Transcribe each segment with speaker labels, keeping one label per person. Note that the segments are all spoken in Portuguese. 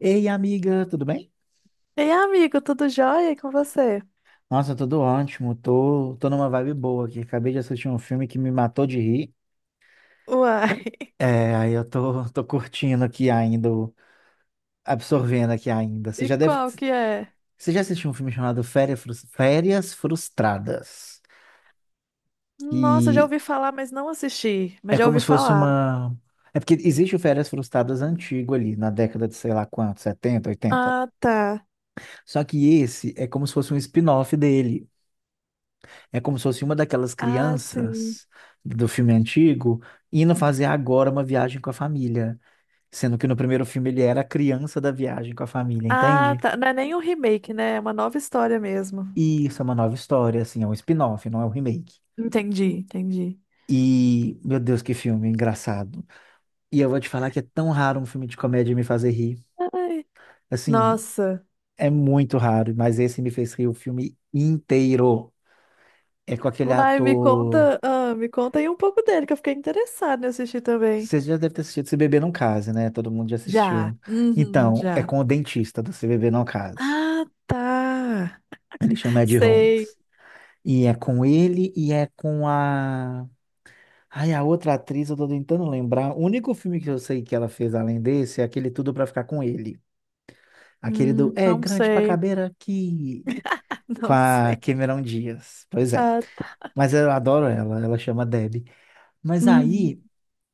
Speaker 1: Ei, amiga, tudo bem?
Speaker 2: Ei, amigo, tudo jóia. E com você?
Speaker 1: Nossa, tudo ótimo. Tô numa vibe boa aqui. Acabei de assistir um filme que me matou de rir.
Speaker 2: Uai,
Speaker 1: É, aí eu tô, tô curtindo aqui ainda, absorvendo aqui ainda.
Speaker 2: e qual que é?
Speaker 1: Você já assistiu um filme chamado Férias, Férias Frustradas?
Speaker 2: Nossa, já
Speaker 1: E
Speaker 2: ouvi falar, mas não assisti.
Speaker 1: é
Speaker 2: Mas já
Speaker 1: como
Speaker 2: ouvi
Speaker 1: se fosse
Speaker 2: falar.
Speaker 1: uma. É porque existe o Férias Frustradas antigo ali, na década de sei lá quanto, 70, 80.
Speaker 2: Ah, tá.
Speaker 1: Só que esse é como se fosse um spin-off dele. É como se fosse uma daquelas
Speaker 2: Ah, sim.
Speaker 1: crianças do filme antigo indo fazer agora uma viagem com a família, sendo que no primeiro filme ele era a criança da viagem com a família,
Speaker 2: Ah,
Speaker 1: entende?
Speaker 2: tá. Não é nem um remake, né? É uma nova história mesmo.
Speaker 1: E isso é uma nova história, assim, é um spin-off, não é um remake.
Speaker 2: Entendi, entendi.
Speaker 1: E, meu Deus, que filme engraçado. E eu vou te falar que é tão raro um filme de comédia me fazer rir.
Speaker 2: Ai,
Speaker 1: Assim,
Speaker 2: nossa.
Speaker 1: é muito raro, mas esse me fez rir o filme inteiro. É com aquele
Speaker 2: Uai, me
Speaker 1: ator.
Speaker 2: conta, me conta aí um pouco dele, que eu fiquei interessada em assistir também.
Speaker 1: Você já deve ter assistido Se Beber Não Case, né? Todo mundo já
Speaker 2: Já.
Speaker 1: assistiu.
Speaker 2: Uhum,
Speaker 1: Então, é
Speaker 2: já.
Speaker 1: com o dentista do Se Beber Não Case.
Speaker 2: Ah, tá.
Speaker 1: Ele chama Ed
Speaker 2: Sei.
Speaker 1: Holmes. E é com ele e é com a. Ai, a outra atriz, eu tô tentando lembrar. O único filme que eu sei que ela fez além desse é aquele Tudo Pra Ficar Com Ele. Aquele do É
Speaker 2: Não
Speaker 1: Grande Pra
Speaker 2: sei.
Speaker 1: Caber Aqui. Com
Speaker 2: Não
Speaker 1: a
Speaker 2: sei.
Speaker 1: Cameron Diaz. Pois é.
Speaker 2: Ah.
Speaker 1: Mas eu adoro ela, ela chama Debbie. Mas
Speaker 2: Uhum.
Speaker 1: aí.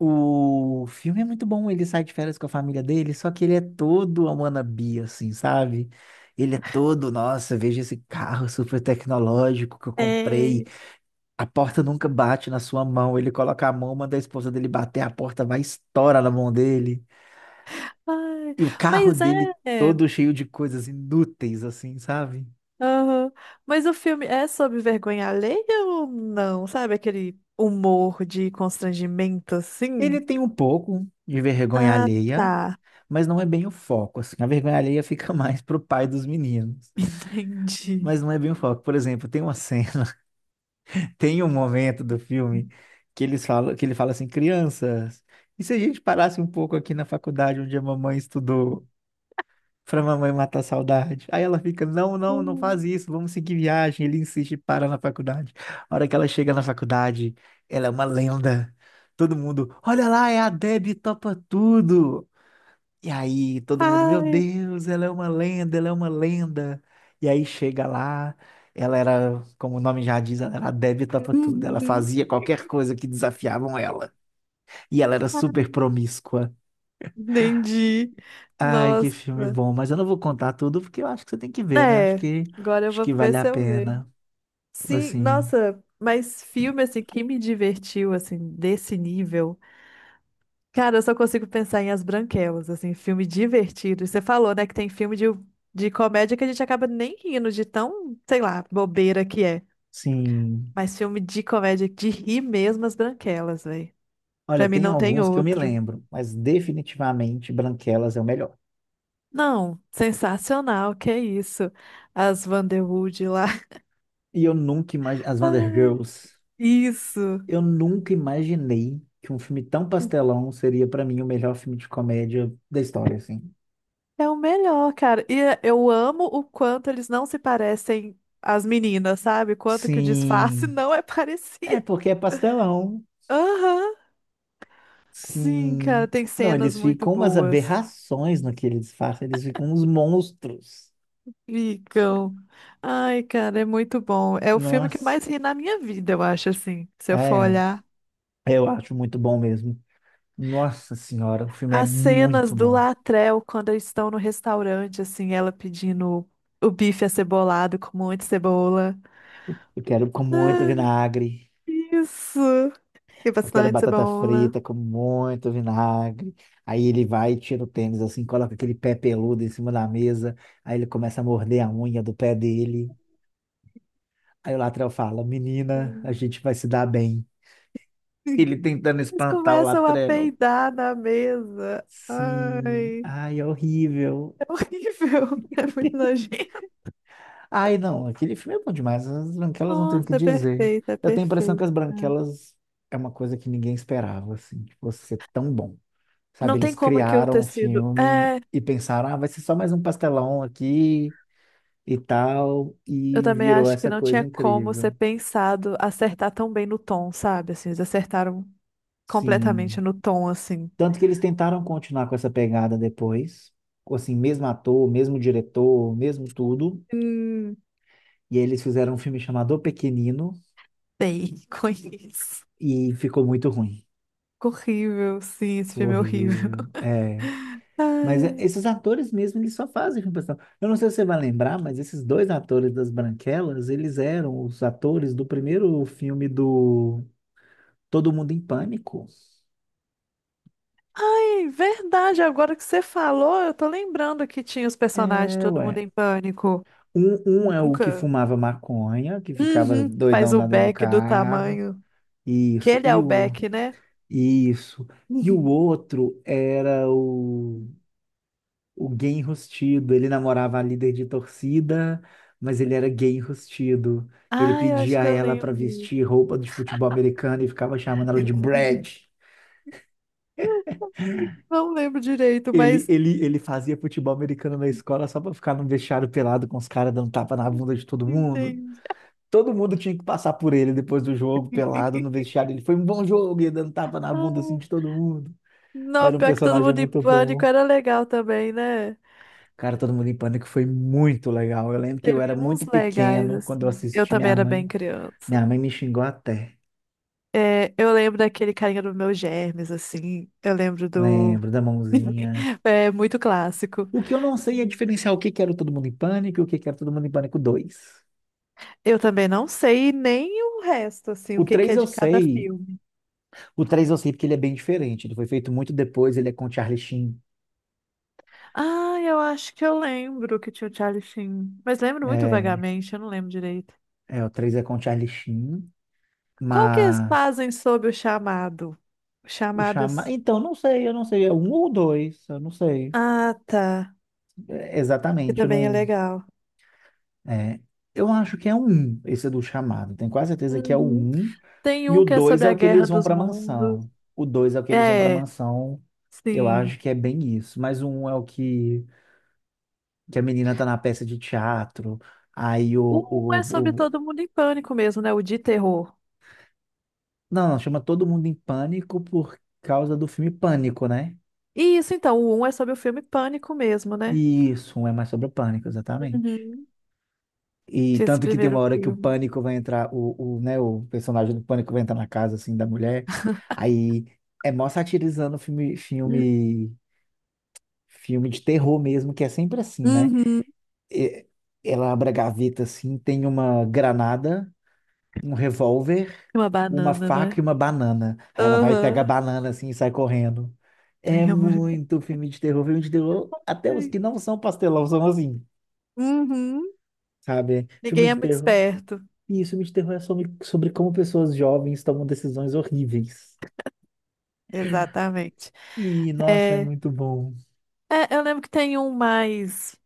Speaker 1: O filme é muito bom, ele sai de férias com a família dele, só que ele é todo a wannabe, assim, sabe? Ele é todo, nossa, veja esse carro super tecnológico que eu comprei.
Speaker 2: É.
Speaker 1: A porta nunca bate na sua mão. Ele coloca a mão, manda a esposa dele bater, a porta vai e estoura na mão dele.
Speaker 2: Ai,
Speaker 1: E o carro
Speaker 2: mas é.
Speaker 1: dele
Speaker 2: É,
Speaker 1: todo cheio de coisas inúteis, assim, sabe?
Speaker 2: aham. Mas o filme é sobre vergonha alheia ou não? Sabe aquele humor de constrangimento
Speaker 1: Ele
Speaker 2: assim?
Speaker 1: tem um pouco de vergonha
Speaker 2: Ah,
Speaker 1: alheia,
Speaker 2: tá.
Speaker 1: mas não é bem o foco, assim. A vergonha alheia fica mais pro pai dos meninos.
Speaker 2: Entendi.
Speaker 1: Mas não é bem o foco. Por exemplo, tem uma cena. Tem um momento do filme que eles falam, que ele fala assim: crianças, e se a gente parasse um pouco aqui na faculdade onde a mamãe estudou, pra mamãe matar a saudade? Aí ela fica, não, não, não faz
Speaker 2: Hum.
Speaker 1: isso, vamos seguir viagem. Ele insiste e para na faculdade. A hora que ela chega na faculdade, ela é uma lenda. Todo mundo, olha lá, é a Debbie, topa tudo. E aí todo mundo, meu
Speaker 2: Ai,
Speaker 1: Deus, ela é uma lenda, ela é uma lenda. E aí chega lá, ela era, como o nome já diz, ela era adepta pra tudo. Ela
Speaker 2: uhum.
Speaker 1: fazia qualquer coisa que desafiavam ela. E ela era super promíscua.
Speaker 2: Entendi.
Speaker 1: Ai, que
Speaker 2: Nossa.
Speaker 1: filme bom, mas eu não vou contar tudo porque eu acho que você tem que ver, né? Acho
Speaker 2: É,
Speaker 1: que
Speaker 2: agora eu
Speaker 1: acho
Speaker 2: vou
Speaker 1: que
Speaker 2: ver
Speaker 1: vale a
Speaker 2: se eu vejo.
Speaker 1: pena.
Speaker 2: Sim,
Speaker 1: Assim,
Speaker 2: nossa, mas filme assim que me divertiu assim desse nível. Cara, eu só consigo pensar em As Branquelas, assim, filme divertido. E você falou, né, que tem filme de comédia que a gente acaba nem rindo de tão, sei lá, bobeira que é.
Speaker 1: sim.
Speaker 2: Mas filme de comédia de rir mesmo, As Branquelas, velho.
Speaker 1: Olha,
Speaker 2: Pra mim
Speaker 1: tem
Speaker 2: não tem
Speaker 1: alguns que eu me
Speaker 2: outro.
Speaker 1: lembro, mas definitivamente Branquelas é o melhor.
Speaker 2: Não, sensacional, que é isso. As Vanderwood lá.
Speaker 1: E eu nunca imaginei as Wonder
Speaker 2: Ah,
Speaker 1: Girls.
Speaker 2: isso.
Speaker 1: Eu nunca imaginei que um filme tão pastelão seria pra mim o melhor filme de comédia da história, assim.
Speaker 2: É o melhor, cara. E eu amo o quanto eles não se parecem às meninas, sabe? Quanto que o disfarce
Speaker 1: Sim,
Speaker 2: não é
Speaker 1: é
Speaker 2: parecido.
Speaker 1: porque é pastelão.
Speaker 2: Aham. Sim, cara,
Speaker 1: Sim.
Speaker 2: tem
Speaker 1: Não,
Speaker 2: cenas
Speaker 1: eles
Speaker 2: muito
Speaker 1: ficam umas
Speaker 2: boas.
Speaker 1: aberrações no que eles fazem, eles ficam uns monstros.
Speaker 2: Ficam. Ai, cara, é muito bom. É o filme que eu
Speaker 1: Nossa,
Speaker 2: mais ri na minha vida, eu acho, assim, se eu for
Speaker 1: é,
Speaker 2: olhar.
Speaker 1: eu acho muito bom mesmo. Nossa senhora, o filme é
Speaker 2: As cenas
Speaker 1: muito
Speaker 2: do
Speaker 1: bom.
Speaker 2: Latrell quando eles estão no restaurante, assim, ela pedindo o bife acebolado com um monte de cebola.
Speaker 1: Eu quero com muito
Speaker 2: Ah,
Speaker 1: vinagre.
Speaker 2: isso! E
Speaker 1: Eu quero
Speaker 2: bastante
Speaker 1: batata
Speaker 2: cebola.
Speaker 1: frita com muito vinagre. Aí ele vai, e tira o tênis assim, coloca aquele pé peludo em cima da mesa. Aí ele começa a morder a unha do pé dele. Aí o Latrell fala: Menina, a
Speaker 2: Sim.
Speaker 1: gente vai se dar bem. Ele tentando
Speaker 2: Eles
Speaker 1: espantar o
Speaker 2: começam a
Speaker 1: Latrell.
Speaker 2: peidar na mesa.
Speaker 1: Sim,
Speaker 2: Ai,
Speaker 1: ai, é horrível.
Speaker 2: é horrível. É muito nojento.
Speaker 1: Ai, não, aquele filme é bom demais. As branquelas não tem o que
Speaker 2: Nossa, é
Speaker 1: dizer.
Speaker 2: perfeito, é
Speaker 1: Eu tenho a impressão que
Speaker 2: perfeito,
Speaker 1: as
Speaker 2: cara.
Speaker 1: branquelas é uma coisa que ninguém esperava, assim, de você ser tão bom.
Speaker 2: Não
Speaker 1: Sabe,
Speaker 2: tem
Speaker 1: eles
Speaker 2: como aquilo
Speaker 1: criaram
Speaker 2: ter
Speaker 1: o
Speaker 2: sido.
Speaker 1: filme
Speaker 2: É,
Speaker 1: e pensaram, ah, vai ser só mais um pastelão aqui e tal,
Speaker 2: eu
Speaker 1: e
Speaker 2: também
Speaker 1: virou
Speaker 2: acho que
Speaker 1: essa
Speaker 2: não
Speaker 1: coisa
Speaker 2: tinha como ser
Speaker 1: incrível.
Speaker 2: pensado acertar tão bem no tom, sabe? Assim, eles acertaram
Speaker 1: Sim.
Speaker 2: completamente no tom, assim.
Speaker 1: Tanto que eles tentaram continuar com essa pegada depois, com, assim, mesmo ator, mesmo diretor, mesmo tudo,
Speaker 2: Hum,
Speaker 1: e aí eles fizeram um filme chamado O Pequenino
Speaker 2: sei, conheço.
Speaker 1: e ficou muito ruim.
Speaker 2: Horrível, sim, esse
Speaker 1: Ficou
Speaker 2: filme é horrível.
Speaker 1: horrível. É. Mas é,
Speaker 2: Ai.
Speaker 1: esses atores mesmo, eles só fazem filme pessoal. Eu não sei se você vai lembrar, mas esses dois atores das Branquelas, eles eram os atores do primeiro filme do Todo Mundo em Pânico.
Speaker 2: Ai, verdade, agora que você falou, eu tô lembrando que tinha os personagens,
Speaker 1: É,
Speaker 2: todo mundo
Speaker 1: ué.
Speaker 2: em pânico.
Speaker 1: Um é o que
Speaker 2: Nunca.
Speaker 1: fumava maconha, que ficava
Speaker 2: Uhum, que faz
Speaker 1: doidão
Speaker 2: o
Speaker 1: lá dentro do
Speaker 2: Beck do
Speaker 1: carro.
Speaker 2: tamanho. Que
Speaker 1: Isso.
Speaker 2: ele é o Beck, né?
Speaker 1: Isso. E o outro era o gay enrustido. Ele namorava a líder de torcida, mas ele era gay enrustido. Ele
Speaker 2: Ah, eu acho
Speaker 1: pedia
Speaker 2: que
Speaker 1: a
Speaker 2: eu
Speaker 1: ela para
Speaker 2: lembro.
Speaker 1: vestir roupa de futebol americano e ficava chamando ela de Brad.
Speaker 2: Não lembro direito,
Speaker 1: Ele,
Speaker 2: mas
Speaker 1: ele, ele fazia futebol americano na escola só para ficar no vestiário pelado com os caras dando tapa na bunda de todo mundo.
Speaker 2: entendi.
Speaker 1: Todo mundo tinha que passar por ele depois do jogo, pelado no vestiário. Ele foi um bom jogo, ia dando tapa na bunda assim
Speaker 2: Ai,
Speaker 1: de todo mundo.
Speaker 2: não,
Speaker 1: Era um
Speaker 2: pior que todo
Speaker 1: personagem
Speaker 2: mundo em
Speaker 1: muito
Speaker 2: pânico
Speaker 1: bom.
Speaker 2: era legal também, né?
Speaker 1: Cara, Todo Mundo em Pânico foi muito legal. Eu lembro que eu era
Speaker 2: Teve
Speaker 1: muito
Speaker 2: uns legais,
Speaker 1: pequeno quando eu
Speaker 2: assim. Eu
Speaker 1: assisti
Speaker 2: também
Speaker 1: minha
Speaker 2: era bem
Speaker 1: mãe.
Speaker 2: criança.
Speaker 1: Minha mãe me xingou até.
Speaker 2: É, eu lembro daquele carinha do meu germes, assim. Eu lembro do.
Speaker 1: Lembro da mãozinha.
Speaker 2: É muito clássico.
Speaker 1: O que eu não sei é diferenciar o que que era o Todo Mundo em Pânico e o que que era o Todo Mundo em Pânico dois.
Speaker 2: Eu também não sei nem o resto, assim,
Speaker 1: O
Speaker 2: o que que
Speaker 1: 3
Speaker 2: é
Speaker 1: eu
Speaker 2: de cada
Speaker 1: sei.
Speaker 2: filme.
Speaker 1: O 3 eu sei porque ele é bem diferente. Ele foi feito muito depois, ele é com o Charlie Sheen.
Speaker 2: Ah, eu acho que eu lembro que tinha o Charlie Sheen. Mas lembro muito
Speaker 1: É,
Speaker 2: vagamente, eu não lembro direito.
Speaker 1: é, o 3 é com o Charlie Sheen,
Speaker 2: Qual que eles
Speaker 1: mas
Speaker 2: fazem sobre o chamado?
Speaker 1: o Chama...
Speaker 2: Chamadas.
Speaker 1: Então, não sei, eu não sei. É um ou dois, eu não sei.
Speaker 2: Ah, tá.
Speaker 1: É,
Speaker 2: Que
Speaker 1: exatamente, eu
Speaker 2: também é
Speaker 1: não...
Speaker 2: legal.
Speaker 1: É, eu acho que é o um, esse do chamado. Tenho quase certeza que é o
Speaker 2: Uhum.
Speaker 1: um.
Speaker 2: Tem
Speaker 1: E
Speaker 2: um
Speaker 1: o
Speaker 2: que é
Speaker 1: dois
Speaker 2: sobre
Speaker 1: é
Speaker 2: a
Speaker 1: o que
Speaker 2: Guerra
Speaker 1: eles vão
Speaker 2: dos
Speaker 1: para
Speaker 2: Mundos.
Speaker 1: mansão. O dois é o que eles vão para
Speaker 2: É,
Speaker 1: mansão. Eu
Speaker 2: sim.
Speaker 1: acho que é bem isso. Mas o um é o que, que a menina tá na peça de teatro. Aí
Speaker 2: O um é sobre
Speaker 1: o, o-
Speaker 2: todo mundo em pânico mesmo, né? O de terror.
Speaker 1: Não, não, chama todo mundo em pânico por causa do filme Pânico, né?
Speaker 2: E isso, então, o um é sobre o filme Pânico mesmo, né?
Speaker 1: Isso, um é mais sobre o pânico, exatamente.
Speaker 2: Uhum.
Speaker 1: E
Speaker 2: Que é esse
Speaker 1: tanto que tem uma
Speaker 2: primeiro
Speaker 1: hora que o
Speaker 2: filme.
Speaker 1: pânico vai entrar, né, o personagem do pânico vai entrar na casa, assim, da mulher. Aí é mó satirizando filme de terror mesmo, que é sempre assim, né?
Speaker 2: Uhum.
Speaker 1: E- ela abre a gaveta, assim, tem uma granada, um revólver,
Speaker 2: Uma
Speaker 1: uma
Speaker 2: banana, não
Speaker 1: faca
Speaker 2: é?
Speaker 1: e uma banana. Aí ela vai e pega a
Speaker 2: Aham.
Speaker 1: banana, assim, e sai correndo. É
Speaker 2: Tem amor.
Speaker 1: muito filme de terror, até os
Speaker 2: Ai,
Speaker 1: que não são pastelão são assim,
Speaker 2: uhum.
Speaker 1: sabe? Filme
Speaker 2: Ninguém é
Speaker 1: de
Speaker 2: muito
Speaker 1: terror.
Speaker 2: esperto.
Speaker 1: E isso me interroga sobre como pessoas jovens tomam decisões horríveis.
Speaker 2: Exatamente.
Speaker 1: E, nossa, é
Speaker 2: É,
Speaker 1: muito bom.
Speaker 2: é, eu lembro que tem um mais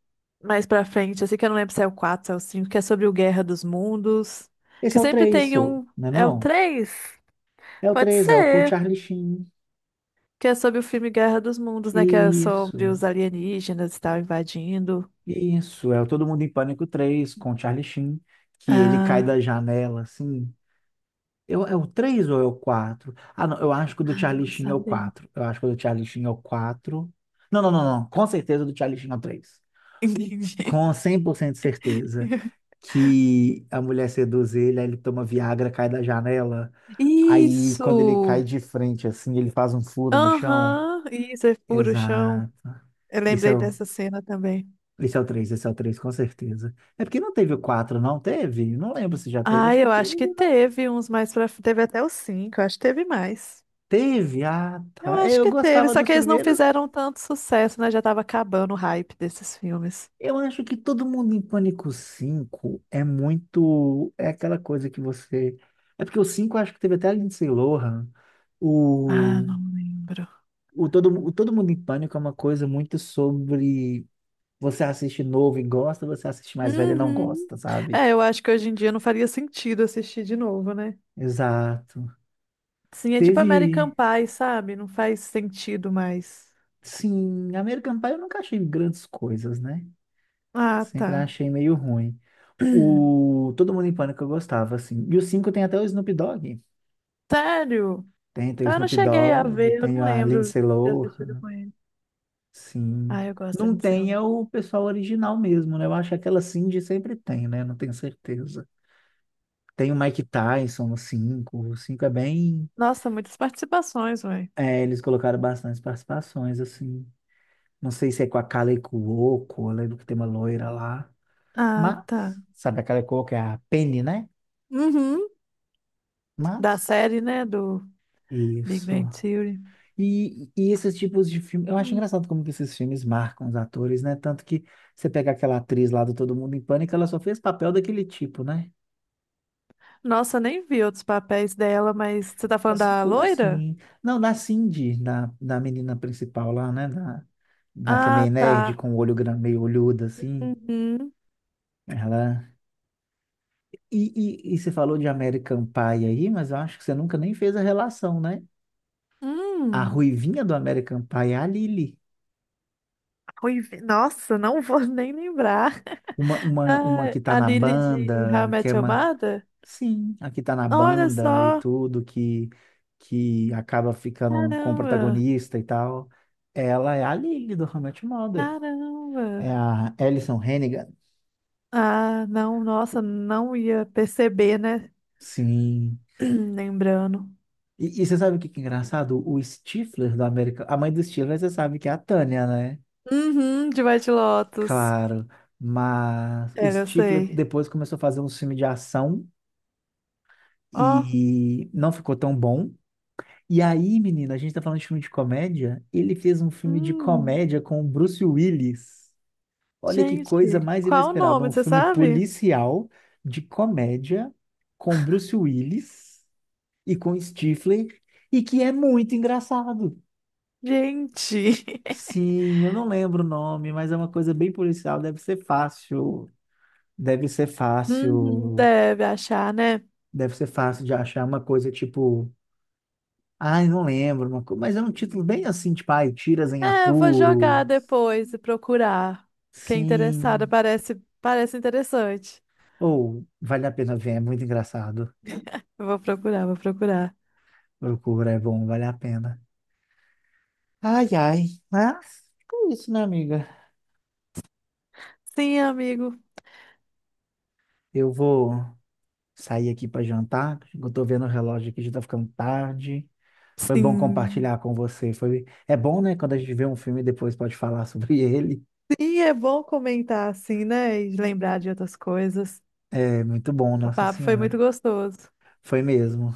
Speaker 2: mais pra frente, assim que eu não lembro se é o 4 se é o 5, que é sobre o Guerra dos Mundos.
Speaker 1: Esse
Speaker 2: Que
Speaker 1: é o
Speaker 2: sempre
Speaker 1: 3,
Speaker 2: tem
Speaker 1: sô,
Speaker 2: um.
Speaker 1: não é
Speaker 2: É o
Speaker 1: não?
Speaker 2: três.
Speaker 1: É o
Speaker 2: Pode
Speaker 1: 3, é o com
Speaker 2: ser.
Speaker 1: Charlie Sheen.
Speaker 2: Que é sobre o filme Guerra dos Mundos, né? Que é
Speaker 1: Isso,
Speaker 2: sobre os alienígenas e tal invadindo.
Speaker 1: isso. É o Todo Mundo em Pânico três com Charlie Sheen, que ele cai
Speaker 2: Ah,
Speaker 1: da janela, assim. Eu, é o três ou é o 4? Ah, não, eu acho que o do
Speaker 2: ah, não
Speaker 1: Charlie
Speaker 2: vou
Speaker 1: Sheen é o
Speaker 2: saber.
Speaker 1: quatro. Eu acho que o do Charlie Sheen é o 4. Não, não, não, não. Com certeza o do Charlie Sheen é o 3.
Speaker 2: Entendi.
Speaker 1: Com 100% de certeza que a mulher seduz ele, aí ele toma Viagra, cai da janela. Aí, quando ele cai
Speaker 2: Isso!
Speaker 1: de frente, assim, ele faz um furo no chão.
Speaker 2: Aham, isso é puro chão.
Speaker 1: Exato.
Speaker 2: Eu
Speaker 1: Esse é
Speaker 2: lembrei
Speaker 1: o,
Speaker 2: dessa cena também.
Speaker 1: esse é o 3 com certeza. É porque não teve o 4 não teve? Não lembro se já teve,
Speaker 2: Ah,
Speaker 1: acho que
Speaker 2: eu acho
Speaker 1: teve,
Speaker 2: que
Speaker 1: não.
Speaker 2: teve uns mais pra. Teve até os cinco, eu acho que teve mais.
Speaker 1: Teve, ah,
Speaker 2: Eu
Speaker 1: tá. É,
Speaker 2: acho
Speaker 1: eu
Speaker 2: que teve,
Speaker 1: gostava
Speaker 2: só
Speaker 1: dos
Speaker 2: que eles não
Speaker 1: primeiros.
Speaker 2: fizeram tanto sucesso, né? Já tava acabando o hype desses filmes.
Speaker 1: Eu acho que Todo Mundo em Pânico cinco é muito. É aquela coisa que você. É porque o 5 eu acho que teve até a Lindsay Lohan.
Speaker 2: Ah,
Speaker 1: O,
Speaker 2: não lembro.
Speaker 1: o Todo Mundo em Pânico é uma coisa muito sobre você assiste novo e gosta, você assiste mais velho e não
Speaker 2: Uhum.
Speaker 1: gosta, sabe?
Speaker 2: É, eu acho que hoje em dia não faria sentido assistir de novo, né?
Speaker 1: Exato.
Speaker 2: Sim, é tipo American
Speaker 1: Teve.
Speaker 2: Pie, sabe? Não faz sentido mais.
Speaker 1: Sim, American Pie eu nunca achei grandes coisas, né?
Speaker 2: Ah,
Speaker 1: Sempre
Speaker 2: tá.
Speaker 1: achei meio ruim. O Todo Mundo em Pânico eu gostava, assim. E o 5 tem até o Snoop Dogg.
Speaker 2: Sério?
Speaker 1: Tem, tem o
Speaker 2: Então eu não
Speaker 1: Snoop
Speaker 2: cheguei a
Speaker 1: Dogg,
Speaker 2: ver, eu
Speaker 1: tem
Speaker 2: não
Speaker 1: a
Speaker 2: lembro de
Speaker 1: Lindsay
Speaker 2: ter assistido
Speaker 1: Lohan,
Speaker 2: com ele.
Speaker 1: sim.
Speaker 2: Ah, eu gosto
Speaker 1: Não
Speaker 2: de ser.
Speaker 1: tem é o pessoal original mesmo, né? Eu acho que aquela Cindy sempre tem, né? Não tenho certeza. Tem o Mike Tyson no cinco. O 5 é bem.
Speaker 2: Nossa, muitas participações, velho.
Speaker 1: É, eles colocaram bastante participações, assim. Não sei se é com a Kaley Cuoco, eu lembro que tem uma loira lá.
Speaker 2: Ah,
Speaker 1: Mas,
Speaker 2: tá.
Speaker 1: sabe a Kaley Cuoco é a Penny, né?
Speaker 2: Uhum. Da
Speaker 1: Mas,
Speaker 2: série, né? Do Big
Speaker 1: isso.
Speaker 2: Bang Theory.
Speaker 1: E, e, esses tipos de filme, eu acho
Speaker 2: Hum.
Speaker 1: engraçado como que esses filmes marcam os atores, né? Tanto que você pega aquela atriz lá do Todo Mundo em Pânico, ela só fez papel daquele tipo, né?
Speaker 2: Nossa, eu nem vi outros papéis dela, mas você tá
Speaker 1: É
Speaker 2: falando da
Speaker 1: tudo
Speaker 2: loira?
Speaker 1: assim. Não, na Cindy, na menina principal lá, né? Na que é
Speaker 2: Ah,
Speaker 1: meio nerd,
Speaker 2: tá.
Speaker 1: com o olho gran- meio olhudo, assim.
Speaker 2: Uhum.
Speaker 1: Ela... E você falou de American Pie aí, mas eu acho que você nunca nem fez a relação, né? A
Speaker 2: Hum.
Speaker 1: ruivinha do American Pie é a Lily.
Speaker 2: Ruivi- Nossa, não vou nem lembrar.
Speaker 1: Uma
Speaker 2: Ah,
Speaker 1: que tá
Speaker 2: a
Speaker 1: na
Speaker 2: Lily de How I
Speaker 1: banda, que é
Speaker 2: Met Your
Speaker 1: uma
Speaker 2: Mother?
Speaker 1: Sim, aqui tá na
Speaker 2: Olha
Speaker 1: banda e
Speaker 2: só.
Speaker 1: tudo que acaba ficando com o
Speaker 2: Caramba.
Speaker 1: protagonista e tal. Ela é a Lily do How I Met Your Mother.
Speaker 2: Caramba.
Speaker 1: É a Alison Hannigan.
Speaker 2: Ah, não, nossa, não ia perceber, né?
Speaker 1: Sim.
Speaker 2: Lembrando.
Speaker 1: E você sabe o que que é engraçado? O Stifler do América, a mãe do Stifler, você sabe que é a Tânia, né?
Speaker 2: Uhum, de White Lotus.
Speaker 1: Claro, mas o
Speaker 2: É, eu
Speaker 1: Stifler
Speaker 2: sei.
Speaker 1: depois começou a fazer um filme de ação
Speaker 2: Ó,
Speaker 1: e não ficou tão bom. E aí, menina, a gente tá falando de filme de comédia. Ele fez um filme de
Speaker 2: hum,
Speaker 1: comédia com o Bruce Willis. Olha que coisa
Speaker 2: gente,
Speaker 1: mais
Speaker 2: qual o
Speaker 1: inesperada.
Speaker 2: nome,
Speaker 1: Um
Speaker 2: você
Speaker 1: filme
Speaker 2: sabe?
Speaker 1: policial de comédia com Bruce Willis e com Stifler e que é muito engraçado.
Speaker 2: Gente,
Speaker 1: Sim, eu não lembro o nome, mas é uma coisa bem policial. Deve ser fácil. Deve ser
Speaker 2: uhum,
Speaker 1: fácil.
Speaker 2: deve achar, né?
Speaker 1: Deve ser fácil de achar uma coisa tipo. Ai, não lembro, mas é um título bem assim, tipo, ai, Tiras em
Speaker 2: É, eu vou jogar
Speaker 1: Apuros.
Speaker 2: depois e procurar. Fiquei interessada,
Speaker 1: Sim.
Speaker 2: parece, parece interessante.
Speaker 1: Ou vale a pena ver, é muito engraçado.
Speaker 2: Eu vou procurar, vou procurar.
Speaker 1: Procura, é bom, vale a pena. Ai, ai. Mas é isso, né, amiga?
Speaker 2: Sim, amigo.
Speaker 1: Eu vou sair aqui para jantar. Eu tô vendo o relógio aqui, já tá ficando tarde. Foi bom
Speaker 2: Sim.
Speaker 1: compartilhar com você. Foi... É bom, né? Quando a gente vê um filme e depois pode falar sobre ele.
Speaker 2: Sim, é bom comentar assim, né? E lembrar de outras coisas.
Speaker 1: É muito bom,
Speaker 2: O
Speaker 1: Nossa
Speaker 2: papo foi muito
Speaker 1: Senhora.
Speaker 2: gostoso.
Speaker 1: Foi mesmo.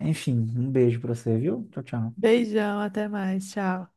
Speaker 1: Enfim, um beijo pra você, viu? Tchau, tchau.
Speaker 2: Beijão, até mais, tchau.